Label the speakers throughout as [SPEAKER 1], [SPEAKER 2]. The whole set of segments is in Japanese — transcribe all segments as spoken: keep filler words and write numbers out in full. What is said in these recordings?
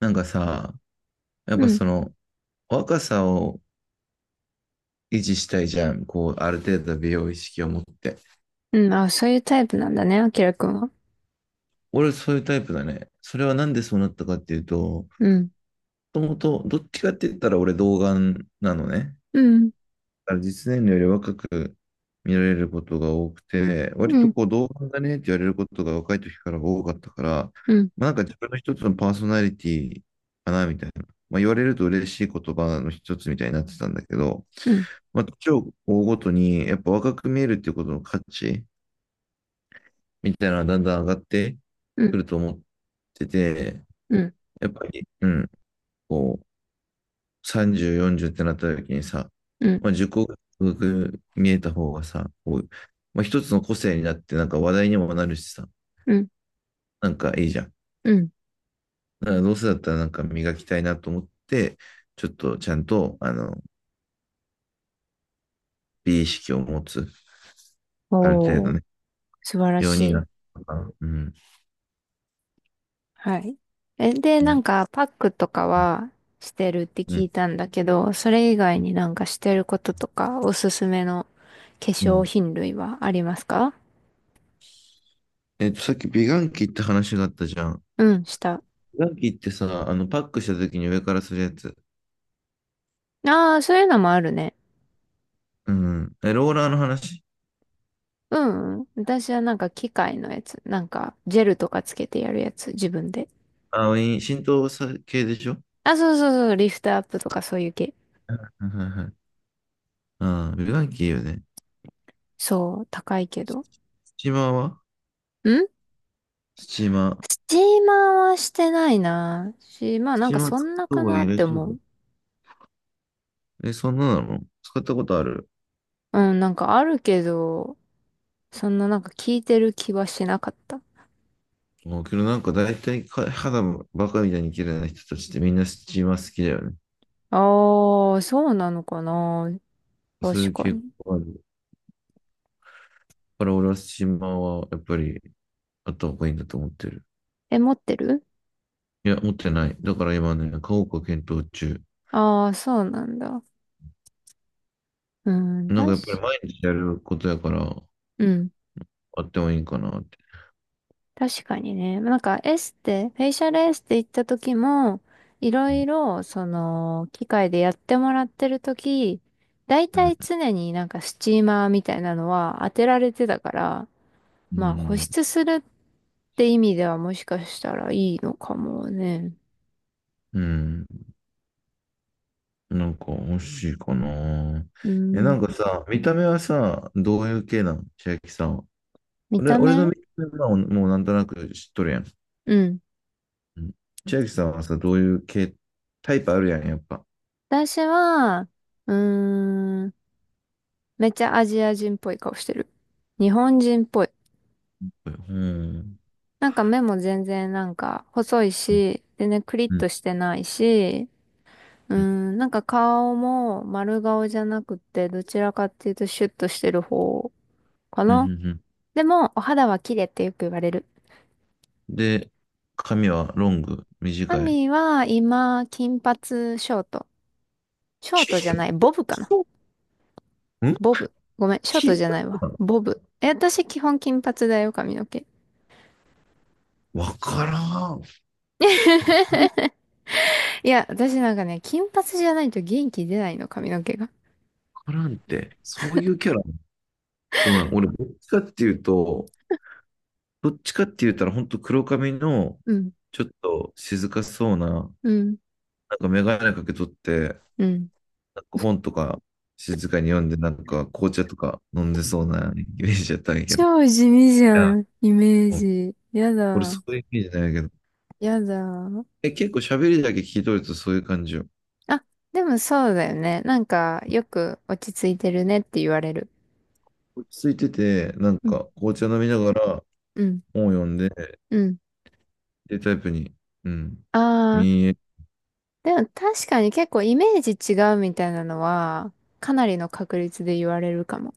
[SPEAKER 1] なんかさ、やっ
[SPEAKER 2] う
[SPEAKER 1] ぱ
[SPEAKER 2] ん。
[SPEAKER 1] その若さを維持したいじゃん。こう、ある程度美容意識を持って。
[SPEAKER 2] うん。あ、そういうタイプなんだね、あきらくんは。
[SPEAKER 1] 俺そういうタイプだね。それはなんでそうなったかっていうと、も
[SPEAKER 2] うん。
[SPEAKER 1] ともとどっちかって言ったら俺童顔なのね。
[SPEAKER 2] うん。
[SPEAKER 1] から実年齢より若く見られることが多くて、
[SPEAKER 2] う
[SPEAKER 1] 割と
[SPEAKER 2] ん。
[SPEAKER 1] こう同伴だねって言われることが若い時から多かったから、
[SPEAKER 2] うん。
[SPEAKER 1] まあ、なんか自分の一つのパーソナリティかなみたいな、まあ、言われると嬉しい言葉の一つみたいになってたんだけど、
[SPEAKER 2] うん。
[SPEAKER 1] まあ、年を追うごとにやっぱ若く見えるっていうことの価値みたいなのがだんだん上がって
[SPEAKER 2] う
[SPEAKER 1] く
[SPEAKER 2] ん。
[SPEAKER 1] ると思ってて、
[SPEAKER 2] うん。
[SPEAKER 1] やっぱり、うん、こう、さんじゅう、よんじゅうってなった時にさ、
[SPEAKER 2] うん。
[SPEAKER 1] まあ、受講が見えた方がさ、こう、まあ、一つの個性になって、なんか話題にもなるしさ、
[SPEAKER 2] うん。
[SPEAKER 1] なんかいいじゃん。
[SPEAKER 2] うん。
[SPEAKER 1] だからどうせだったらなんか磨きたいなと思って、ちょっとちゃんと、あの、美意識を持つ、ある程
[SPEAKER 2] お
[SPEAKER 1] 度
[SPEAKER 2] ー、
[SPEAKER 1] ね、
[SPEAKER 2] 素晴ら
[SPEAKER 1] よう
[SPEAKER 2] し
[SPEAKER 1] にな
[SPEAKER 2] い。
[SPEAKER 1] ったから、うん。
[SPEAKER 2] はい。え、で、
[SPEAKER 1] う
[SPEAKER 2] なん
[SPEAKER 1] ん。
[SPEAKER 2] か、パックとかはしてるって
[SPEAKER 1] う
[SPEAKER 2] 聞
[SPEAKER 1] ん。
[SPEAKER 2] いたんだけど、それ以外になんかしてることとか、おすすめの化
[SPEAKER 1] う
[SPEAKER 2] 粧
[SPEAKER 1] ん。
[SPEAKER 2] 品類はありますか？
[SPEAKER 1] えっと、さっき美顔器って話があったじゃん。
[SPEAKER 2] うん、した。
[SPEAKER 1] 美顔器ってさ、あの、パックした時に上からするやつ。
[SPEAKER 2] ああ、そういうのもあるね。
[SPEAKER 1] うん。え、ローラーの話。
[SPEAKER 2] うん。うん、私はなんか機械のやつ。なんか、ジェルとかつけてやるやつ、自分で。
[SPEAKER 1] あ、いい浸透さ系でしょ？
[SPEAKER 2] あ、そうそうそう、リフトアップとかそういう系。
[SPEAKER 1] はいはいはい。 ああ、美顔器いいよね。
[SPEAKER 2] そう、高いけ
[SPEAKER 1] ス
[SPEAKER 2] ど。ん、
[SPEAKER 1] チーマーはスチーマー。
[SPEAKER 2] スチーマーはしてないな。し、まあ
[SPEAKER 1] ス
[SPEAKER 2] なん
[SPEAKER 1] チー
[SPEAKER 2] か
[SPEAKER 1] マー
[SPEAKER 2] そ
[SPEAKER 1] 使っ
[SPEAKER 2] んな
[SPEAKER 1] た方
[SPEAKER 2] か
[SPEAKER 1] が
[SPEAKER 2] な
[SPEAKER 1] いい
[SPEAKER 2] っ
[SPEAKER 1] ら
[SPEAKER 2] て
[SPEAKER 1] しいよ。
[SPEAKER 2] 思う。
[SPEAKER 1] え、そんななの使ったことある？
[SPEAKER 2] うん、なんかあるけど、そんななんか聞いてる気はしなかった。
[SPEAKER 1] もうけどなんか大体か、肌バカみたいに綺麗な人たちってみんなスチーマー好きだよね。
[SPEAKER 2] ああ、そうなのかな。
[SPEAKER 1] そうい
[SPEAKER 2] 確
[SPEAKER 1] う
[SPEAKER 2] か
[SPEAKER 1] 傾
[SPEAKER 2] に。
[SPEAKER 1] 向がある。だから俺はスチーマーはやっぱりあった方がいいんだと思ってる。
[SPEAKER 2] え、持ってる？
[SPEAKER 1] いや、持ってない。だから今ね、買おうか検討中。
[SPEAKER 2] ああー、そうなんだ。うん、
[SPEAKER 1] なん
[SPEAKER 2] 確
[SPEAKER 1] かやっぱり
[SPEAKER 2] か、
[SPEAKER 1] 毎日やることやから、
[SPEAKER 2] うん。
[SPEAKER 1] あってもいいかなって。
[SPEAKER 2] 確かにね。なんかエステ、フェイシャルエステ行った時も、いろいろ、その、機械でやってもらってる時、だい
[SPEAKER 1] う
[SPEAKER 2] たい
[SPEAKER 1] ん。
[SPEAKER 2] 常になんかスチーマーみたいなのは当てられてたから、
[SPEAKER 1] う
[SPEAKER 2] まあ保
[SPEAKER 1] ん。
[SPEAKER 2] 湿するって意味ではもしかしたらいいのかもね。
[SPEAKER 1] うん。うん、なんか欲しいかな。
[SPEAKER 2] う
[SPEAKER 1] え、な
[SPEAKER 2] ん。
[SPEAKER 1] んかさ、見た目はさ、どういう系なの、千秋さんは。
[SPEAKER 2] 見
[SPEAKER 1] 俺、
[SPEAKER 2] た
[SPEAKER 1] 俺の
[SPEAKER 2] 目？
[SPEAKER 1] 見た目はもうなんとなく知っとるやん。
[SPEAKER 2] うん。
[SPEAKER 1] うん。千秋さんはさ、どういう系、タイプあるやん、やっぱ。
[SPEAKER 2] 私は、うーん、めっちゃアジア人っぽい顔してる。日本人っぽい。
[SPEAKER 1] うん。
[SPEAKER 2] なんか目も全然なんか細い
[SPEAKER 1] うん。
[SPEAKER 2] し、全然クリッ
[SPEAKER 1] うん。
[SPEAKER 2] としてないし、う
[SPEAKER 1] うん。
[SPEAKER 2] ん、なんか顔も丸顔じゃなくて、どちらかっていうとシュッとしてる方か
[SPEAKER 1] うん。う
[SPEAKER 2] な。
[SPEAKER 1] ん。
[SPEAKER 2] でも、お肌は綺麗ってよく言われる。
[SPEAKER 1] で、髪はロング、
[SPEAKER 2] ア
[SPEAKER 1] 短い？
[SPEAKER 2] ミは今、金髪ショート。ショートじゃ
[SPEAKER 1] 金
[SPEAKER 2] ない、ボブかな。
[SPEAKER 1] 髪ん
[SPEAKER 2] ボブ。ごめん、ショート
[SPEAKER 1] 金
[SPEAKER 2] じゃない
[SPEAKER 1] 髪
[SPEAKER 2] わ。
[SPEAKER 1] なの？
[SPEAKER 2] ボブ。え、私基本金髪だよ、髪の毛。
[SPEAKER 1] わからん。わ
[SPEAKER 2] いや、私なんかね、金髪じゃないと元気出ないの、髪の毛が。
[SPEAKER 1] からんって。そういうキャラ。ごめん、俺、どっちかっていうと、どっちかって言ったら、本当黒髪の、
[SPEAKER 2] うん、
[SPEAKER 1] ちょっと静かそうな、なん
[SPEAKER 2] うん、
[SPEAKER 1] か眼鏡かけとって、
[SPEAKER 2] うん。
[SPEAKER 1] なんか本とか静かに読んで、なんか紅茶とか飲んでそうなイメージやったんやけど。い
[SPEAKER 2] 超地味じゃ
[SPEAKER 1] や、
[SPEAKER 2] ん、イメー
[SPEAKER 1] もう
[SPEAKER 2] ジ。や
[SPEAKER 1] 俺
[SPEAKER 2] だ、
[SPEAKER 1] そういうイメージないけど。
[SPEAKER 2] やだ。
[SPEAKER 1] え、結構喋りだけ聞いとるとそういう感じよ。
[SPEAKER 2] あ、でもそうだよね。なんか、よく落ち着いてるねって言われる。
[SPEAKER 1] 落ち着いてて、なん
[SPEAKER 2] うん。
[SPEAKER 1] か紅茶飲みながら
[SPEAKER 2] うん、
[SPEAKER 1] 本を読んで、っ
[SPEAKER 2] うん。
[SPEAKER 1] ていうタイプに、うん、
[SPEAKER 2] ああ、
[SPEAKER 1] 見え、
[SPEAKER 2] でも確かに結構イメージ違うみたいなのは、かなりの確率で言われるかも。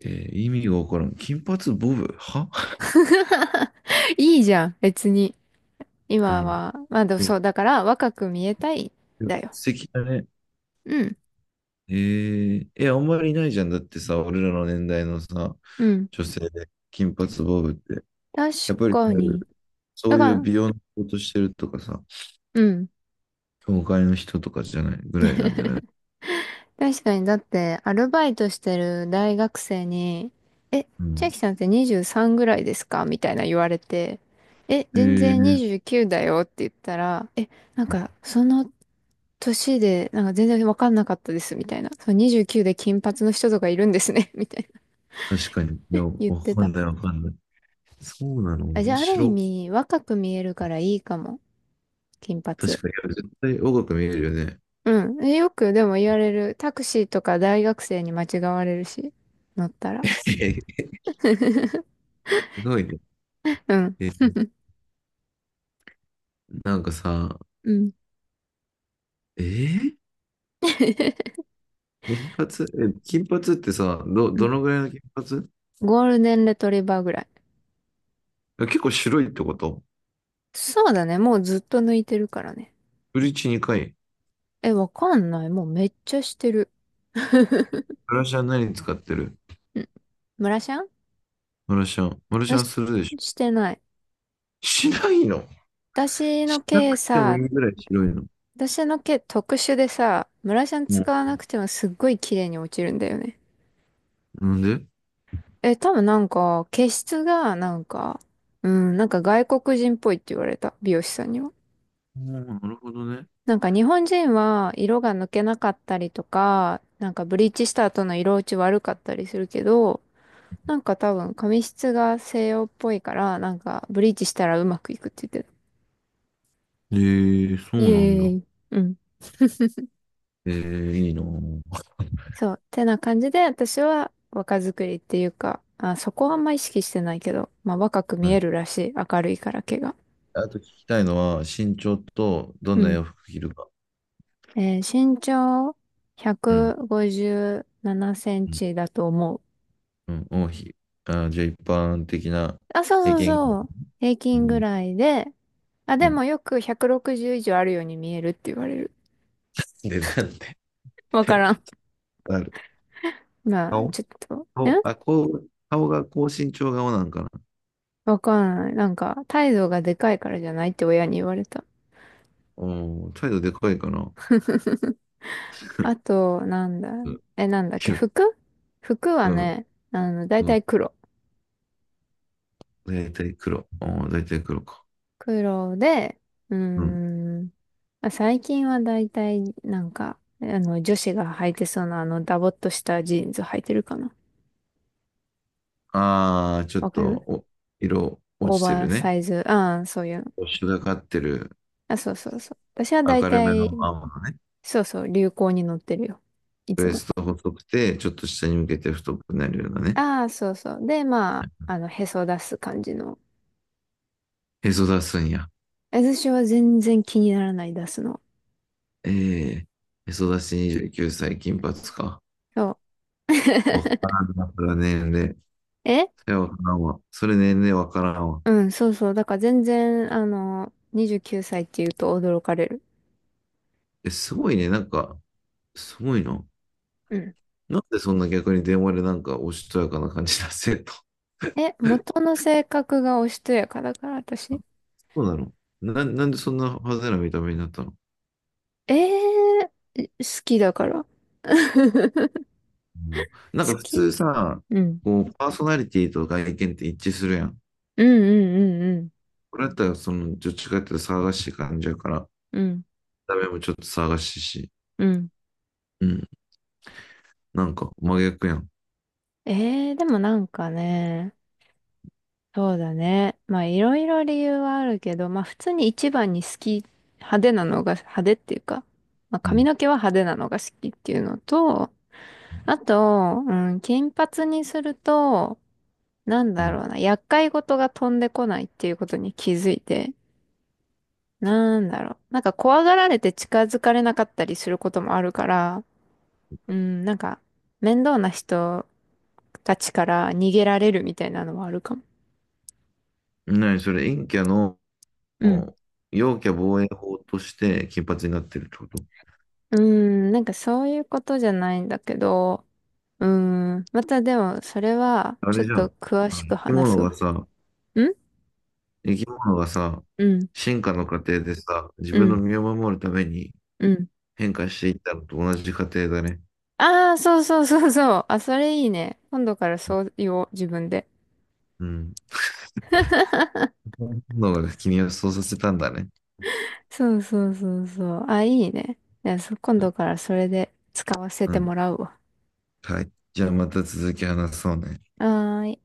[SPEAKER 1] えー意味がわからん。金髪ボブは、
[SPEAKER 2] いいじゃん、別に。
[SPEAKER 1] う
[SPEAKER 2] 今
[SPEAKER 1] ん。
[SPEAKER 2] は。まあでも
[SPEAKER 1] う
[SPEAKER 2] そ
[SPEAKER 1] ん、
[SPEAKER 2] う、だから若く見えたい、だよ。
[SPEAKER 1] 素敵だね。
[SPEAKER 2] うん、
[SPEAKER 1] えー、え、あんまりいないじゃん。だってさ、俺らの年代のさ、
[SPEAKER 2] うん。
[SPEAKER 1] 女性で金髪ボブって。
[SPEAKER 2] 確
[SPEAKER 1] やっぱり、
[SPEAKER 2] かに。
[SPEAKER 1] そ
[SPEAKER 2] だ
[SPEAKER 1] う
[SPEAKER 2] か
[SPEAKER 1] いう
[SPEAKER 2] ら、
[SPEAKER 1] 美容の仕事してるとかさ、
[SPEAKER 2] うん。
[SPEAKER 1] 教会の人とかじゃないぐらいなんじゃない？
[SPEAKER 2] 確かに、だって、アルバイトしてる大学生に、え、
[SPEAKER 1] う
[SPEAKER 2] 千
[SPEAKER 1] ん。
[SPEAKER 2] 秋さんってにじゅうさんぐらいですか、みたいな言われて、え、
[SPEAKER 1] え
[SPEAKER 2] 全然
[SPEAKER 1] ー、
[SPEAKER 2] にじゅうきゅうだよって言ったら、え、なんか、その年で、なんか全然わかんなかったです、みたいな。そう、にじゅうきゅうで金髪の人とかいるんですね、みたいな
[SPEAKER 1] 確かに。いや、
[SPEAKER 2] 言っ
[SPEAKER 1] わ
[SPEAKER 2] て
[SPEAKER 1] か
[SPEAKER 2] た。
[SPEAKER 1] んないわかんない。そうなの、
[SPEAKER 2] あ、じ
[SPEAKER 1] 面
[SPEAKER 2] ゃあ、ある意
[SPEAKER 1] 白。
[SPEAKER 2] 味、若く見えるからいいかも。金髪。
[SPEAKER 1] 確かに、いや絶対若く見えるよね。
[SPEAKER 2] うん。え、よく、でも言われる。タクシーとか大学生に間違われるし、乗ったら。
[SPEAKER 1] すごいね。
[SPEAKER 2] うん。
[SPEAKER 1] えー、なんかさ、
[SPEAKER 2] うん。
[SPEAKER 1] えー、金髪、え、金髪ってさ、ど、
[SPEAKER 2] う
[SPEAKER 1] ど
[SPEAKER 2] ん、
[SPEAKER 1] のぐらいの金髪？
[SPEAKER 2] ゴールデンレトリバーぐらい。
[SPEAKER 1] 結構白いってこと？
[SPEAKER 2] そうだね。もうずっと抜いてるからね。
[SPEAKER 1] ブリーチにかい。
[SPEAKER 2] え、わかんない。もうめっちゃしてる。
[SPEAKER 1] マラシャン何使ってる？
[SPEAKER 2] うん。ムラシャン、
[SPEAKER 1] マラシャン。マラシ
[SPEAKER 2] よ
[SPEAKER 1] ャン
[SPEAKER 2] し、
[SPEAKER 1] するでしょ？
[SPEAKER 2] してない。
[SPEAKER 1] しないの？
[SPEAKER 2] 私の
[SPEAKER 1] しな
[SPEAKER 2] 毛
[SPEAKER 1] くても
[SPEAKER 2] さ、
[SPEAKER 1] いいぐらい白いの？
[SPEAKER 2] 私の毛特殊でさ、ムラシャン
[SPEAKER 1] も
[SPEAKER 2] 使わなくてもすっごい綺麗に落ちるんだよね。
[SPEAKER 1] う、なんで？
[SPEAKER 2] え、多分なんか、毛質がなんか、うん、なんか外国人っぽいって言われた。美容師さんには。
[SPEAKER 1] あー、なるほどね。
[SPEAKER 2] なんか日本人は色が抜けなかったりとか、なんかブリーチした後の色落ち悪かったりするけど、なんか多分髪質が西洋っぽいから、なんかブリーチしたらうまくいくって言ってた。
[SPEAKER 1] えー、そ
[SPEAKER 2] イ
[SPEAKER 1] う
[SPEAKER 2] エ
[SPEAKER 1] なんだ。
[SPEAKER 2] ーイ。うん。
[SPEAKER 1] えー、いいなぁ。
[SPEAKER 2] そう。てな感じで私は若作りっていうか、あ、そこはあんま意識してないけど、まあ若く見
[SPEAKER 1] は
[SPEAKER 2] え
[SPEAKER 1] い。
[SPEAKER 2] るらしい。明るいから毛が。
[SPEAKER 1] あと聞きたいのは、身長とどん
[SPEAKER 2] う
[SPEAKER 1] な
[SPEAKER 2] ん。
[SPEAKER 1] 洋服着るか。
[SPEAKER 2] えー、身長
[SPEAKER 1] うん。
[SPEAKER 2] 157セン
[SPEAKER 1] うん。
[SPEAKER 2] チだと思う。
[SPEAKER 1] うん。王妃。あー、じゃあ一般的な
[SPEAKER 2] あ、そ
[SPEAKER 1] 経
[SPEAKER 2] うそう
[SPEAKER 1] 験が。
[SPEAKER 2] そう。平
[SPEAKER 1] う
[SPEAKER 2] 均ぐ
[SPEAKER 1] ん。
[SPEAKER 2] らいで、あ、
[SPEAKER 1] う
[SPEAKER 2] で
[SPEAKER 1] ん。
[SPEAKER 2] もよくひゃくろくじゅう以上あるように見えるって言われる。
[SPEAKER 1] で、なんて。
[SPEAKER 2] わからん。
[SPEAKER 1] ある。
[SPEAKER 2] まあ、
[SPEAKER 1] 顔
[SPEAKER 2] ちょっと、
[SPEAKER 1] 顔、
[SPEAKER 2] ん、
[SPEAKER 1] あ、こう、顔が高身長顔なんかな。
[SPEAKER 2] わかんない。なんか、態度がでかいからじゃないって親に言われた。
[SPEAKER 1] おー、態度でかいかな。
[SPEAKER 2] あと、なんだろ
[SPEAKER 1] うん。
[SPEAKER 2] う。え、なんだっ
[SPEAKER 1] き
[SPEAKER 2] け、
[SPEAKER 1] ゅう
[SPEAKER 2] 服？服は
[SPEAKER 1] うん、
[SPEAKER 2] ね、あの、だい
[SPEAKER 1] う
[SPEAKER 2] た
[SPEAKER 1] ん。
[SPEAKER 2] い黒。
[SPEAKER 1] だいたい黒。おー、だいたい黒か。
[SPEAKER 2] 黒で、うー
[SPEAKER 1] うん。
[SPEAKER 2] ん、まあ最近はだいたい、なんか、あの、女子が履いてそうな、あの、ダボっとしたジーンズ履いてるかな。
[SPEAKER 1] あー、ちょっ
[SPEAKER 2] わか
[SPEAKER 1] と、
[SPEAKER 2] る？
[SPEAKER 1] お、色
[SPEAKER 2] オ
[SPEAKER 1] 落
[SPEAKER 2] ー
[SPEAKER 1] ちて
[SPEAKER 2] バ
[SPEAKER 1] る
[SPEAKER 2] ー
[SPEAKER 1] ね。
[SPEAKER 2] サイズ、ああ、そういうの。
[SPEAKER 1] よし。がかってる。
[SPEAKER 2] あ、そうそうそう。私はだい
[SPEAKER 1] 明る
[SPEAKER 2] た
[SPEAKER 1] め
[SPEAKER 2] い、
[SPEAKER 1] の青のね。
[SPEAKER 2] そうそう、流行に乗ってるよ。い
[SPEAKER 1] ウ
[SPEAKER 2] つ
[SPEAKER 1] エ
[SPEAKER 2] も。
[SPEAKER 1] スト細くて、ちょっと下に向けて太くなるようなね。
[SPEAKER 2] ああ、そうそう。で、まあ、あの、へそ出す感じの。
[SPEAKER 1] へそ出すんや。
[SPEAKER 2] 私は全然気にならない、出すの。
[SPEAKER 1] ええ、へそ出しにじゅうきゅうさい、金髪か。
[SPEAKER 2] そう。
[SPEAKER 1] わか らんな、それは年齢。
[SPEAKER 2] え、
[SPEAKER 1] それはわからんわ。それ年齢わからんわ。
[SPEAKER 2] うん、そうそう。だから全然、あの、にじゅうきゅうさいって言うと驚かれる。
[SPEAKER 1] え、すごいね。なんか、すごいな。
[SPEAKER 2] うん。
[SPEAKER 1] なんでそんな逆に電話でなんかおしとやかな感じ出せと。
[SPEAKER 2] え、元の性格がおしとやかだから、私。
[SPEAKER 1] そうなの？な、なんでそんな派手な見た目になったの？
[SPEAKER 2] えー、え、好きだから。
[SPEAKER 1] うん、なん
[SPEAKER 2] 好
[SPEAKER 1] か普
[SPEAKER 2] き。
[SPEAKER 1] 通さ、
[SPEAKER 2] うん。
[SPEAKER 1] こう、パーソナリティと外見って一致するやん。
[SPEAKER 2] うん、うん、
[SPEAKER 1] これだったら、その、どっちかっていうと騒がしい感じやから、見
[SPEAKER 2] うん、うん。
[SPEAKER 1] た目もちょっと騒がしいし。
[SPEAKER 2] うん。うん。
[SPEAKER 1] うん。なんか真逆やん。
[SPEAKER 2] えー、でもなんかね、そうだね。まあいろいろ理由はあるけど、まあ普通に一番に好き、派手なのが、派手っていうか、まあ
[SPEAKER 1] う
[SPEAKER 2] 髪
[SPEAKER 1] ん。
[SPEAKER 2] の毛は派手なのが好きっていうのと、あと、うん、金髪にすると、なん
[SPEAKER 1] う
[SPEAKER 2] だ
[SPEAKER 1] ん。
[SPEAKER 2] ろうな、厄介事が飛んでこないっていうことに気づいて、なんだろう、なんか怖がられて近づかれなかったりすることもあるから、うん、なんか面倒な人たちから逃げられるみたいなのはあるかも。
[SPEAKER 1] なにそれ、陰キャの、
[SPEAKER 2] うん。
[SPEAKER 1] 陽キャ防衛法として金髪になってるってこと？
[SPEAKER 2] うーん、なんかそういうことじゃないんだけど、うーん、またでもそれは
[SPEAKER 1] あ
[SPEAKER 2] ちょっ
[SPEAKER 1] れじゃん。あ
[SPEAKER 2] と
[SPEAKER 1] の
[SPEAKER 2] 詳しく
[SPEAKER 1] 生き
[SPEAKER 2] 話
[SPEAKER 1] 物
[SPEAKER 2] すわ。
[SPEAKER 1] がさ、
[SPEAKER 2] ん、
[SPEAKER 1] 生き物がさ、
[SPEAKER 2] うん、
[SPEAKER 1] 進化の過程でさ、自
[SPEAKER 2] う
[SPEAKER 1] 分の
[SPEAKER 2] ん、
[SPEAKER 1] 身を守るために
[SPEAKER 2] うん。
[SPEAKER 1] 変化していったのと同じ過程だね。
[SPEAKER 2] ああ、そうそうそうそう。あ、それいいね。今度からそう言おう、自分で。
[SPEAKER 1] うん。のがね君をそうさせたんだね。
[SPEAKER 2] そうそうそうそう。あ、いいね。いや、そ今度からそれで使わせ
[SPEAKER 1] う
[SPEAKER 2] て
[SPEAKER 1] ん。
[SPEAKER 2] もらうわ。
[SPEAKER 1] はい。じゃあまた続き話そうね。
[SPEAKER 2] はーい。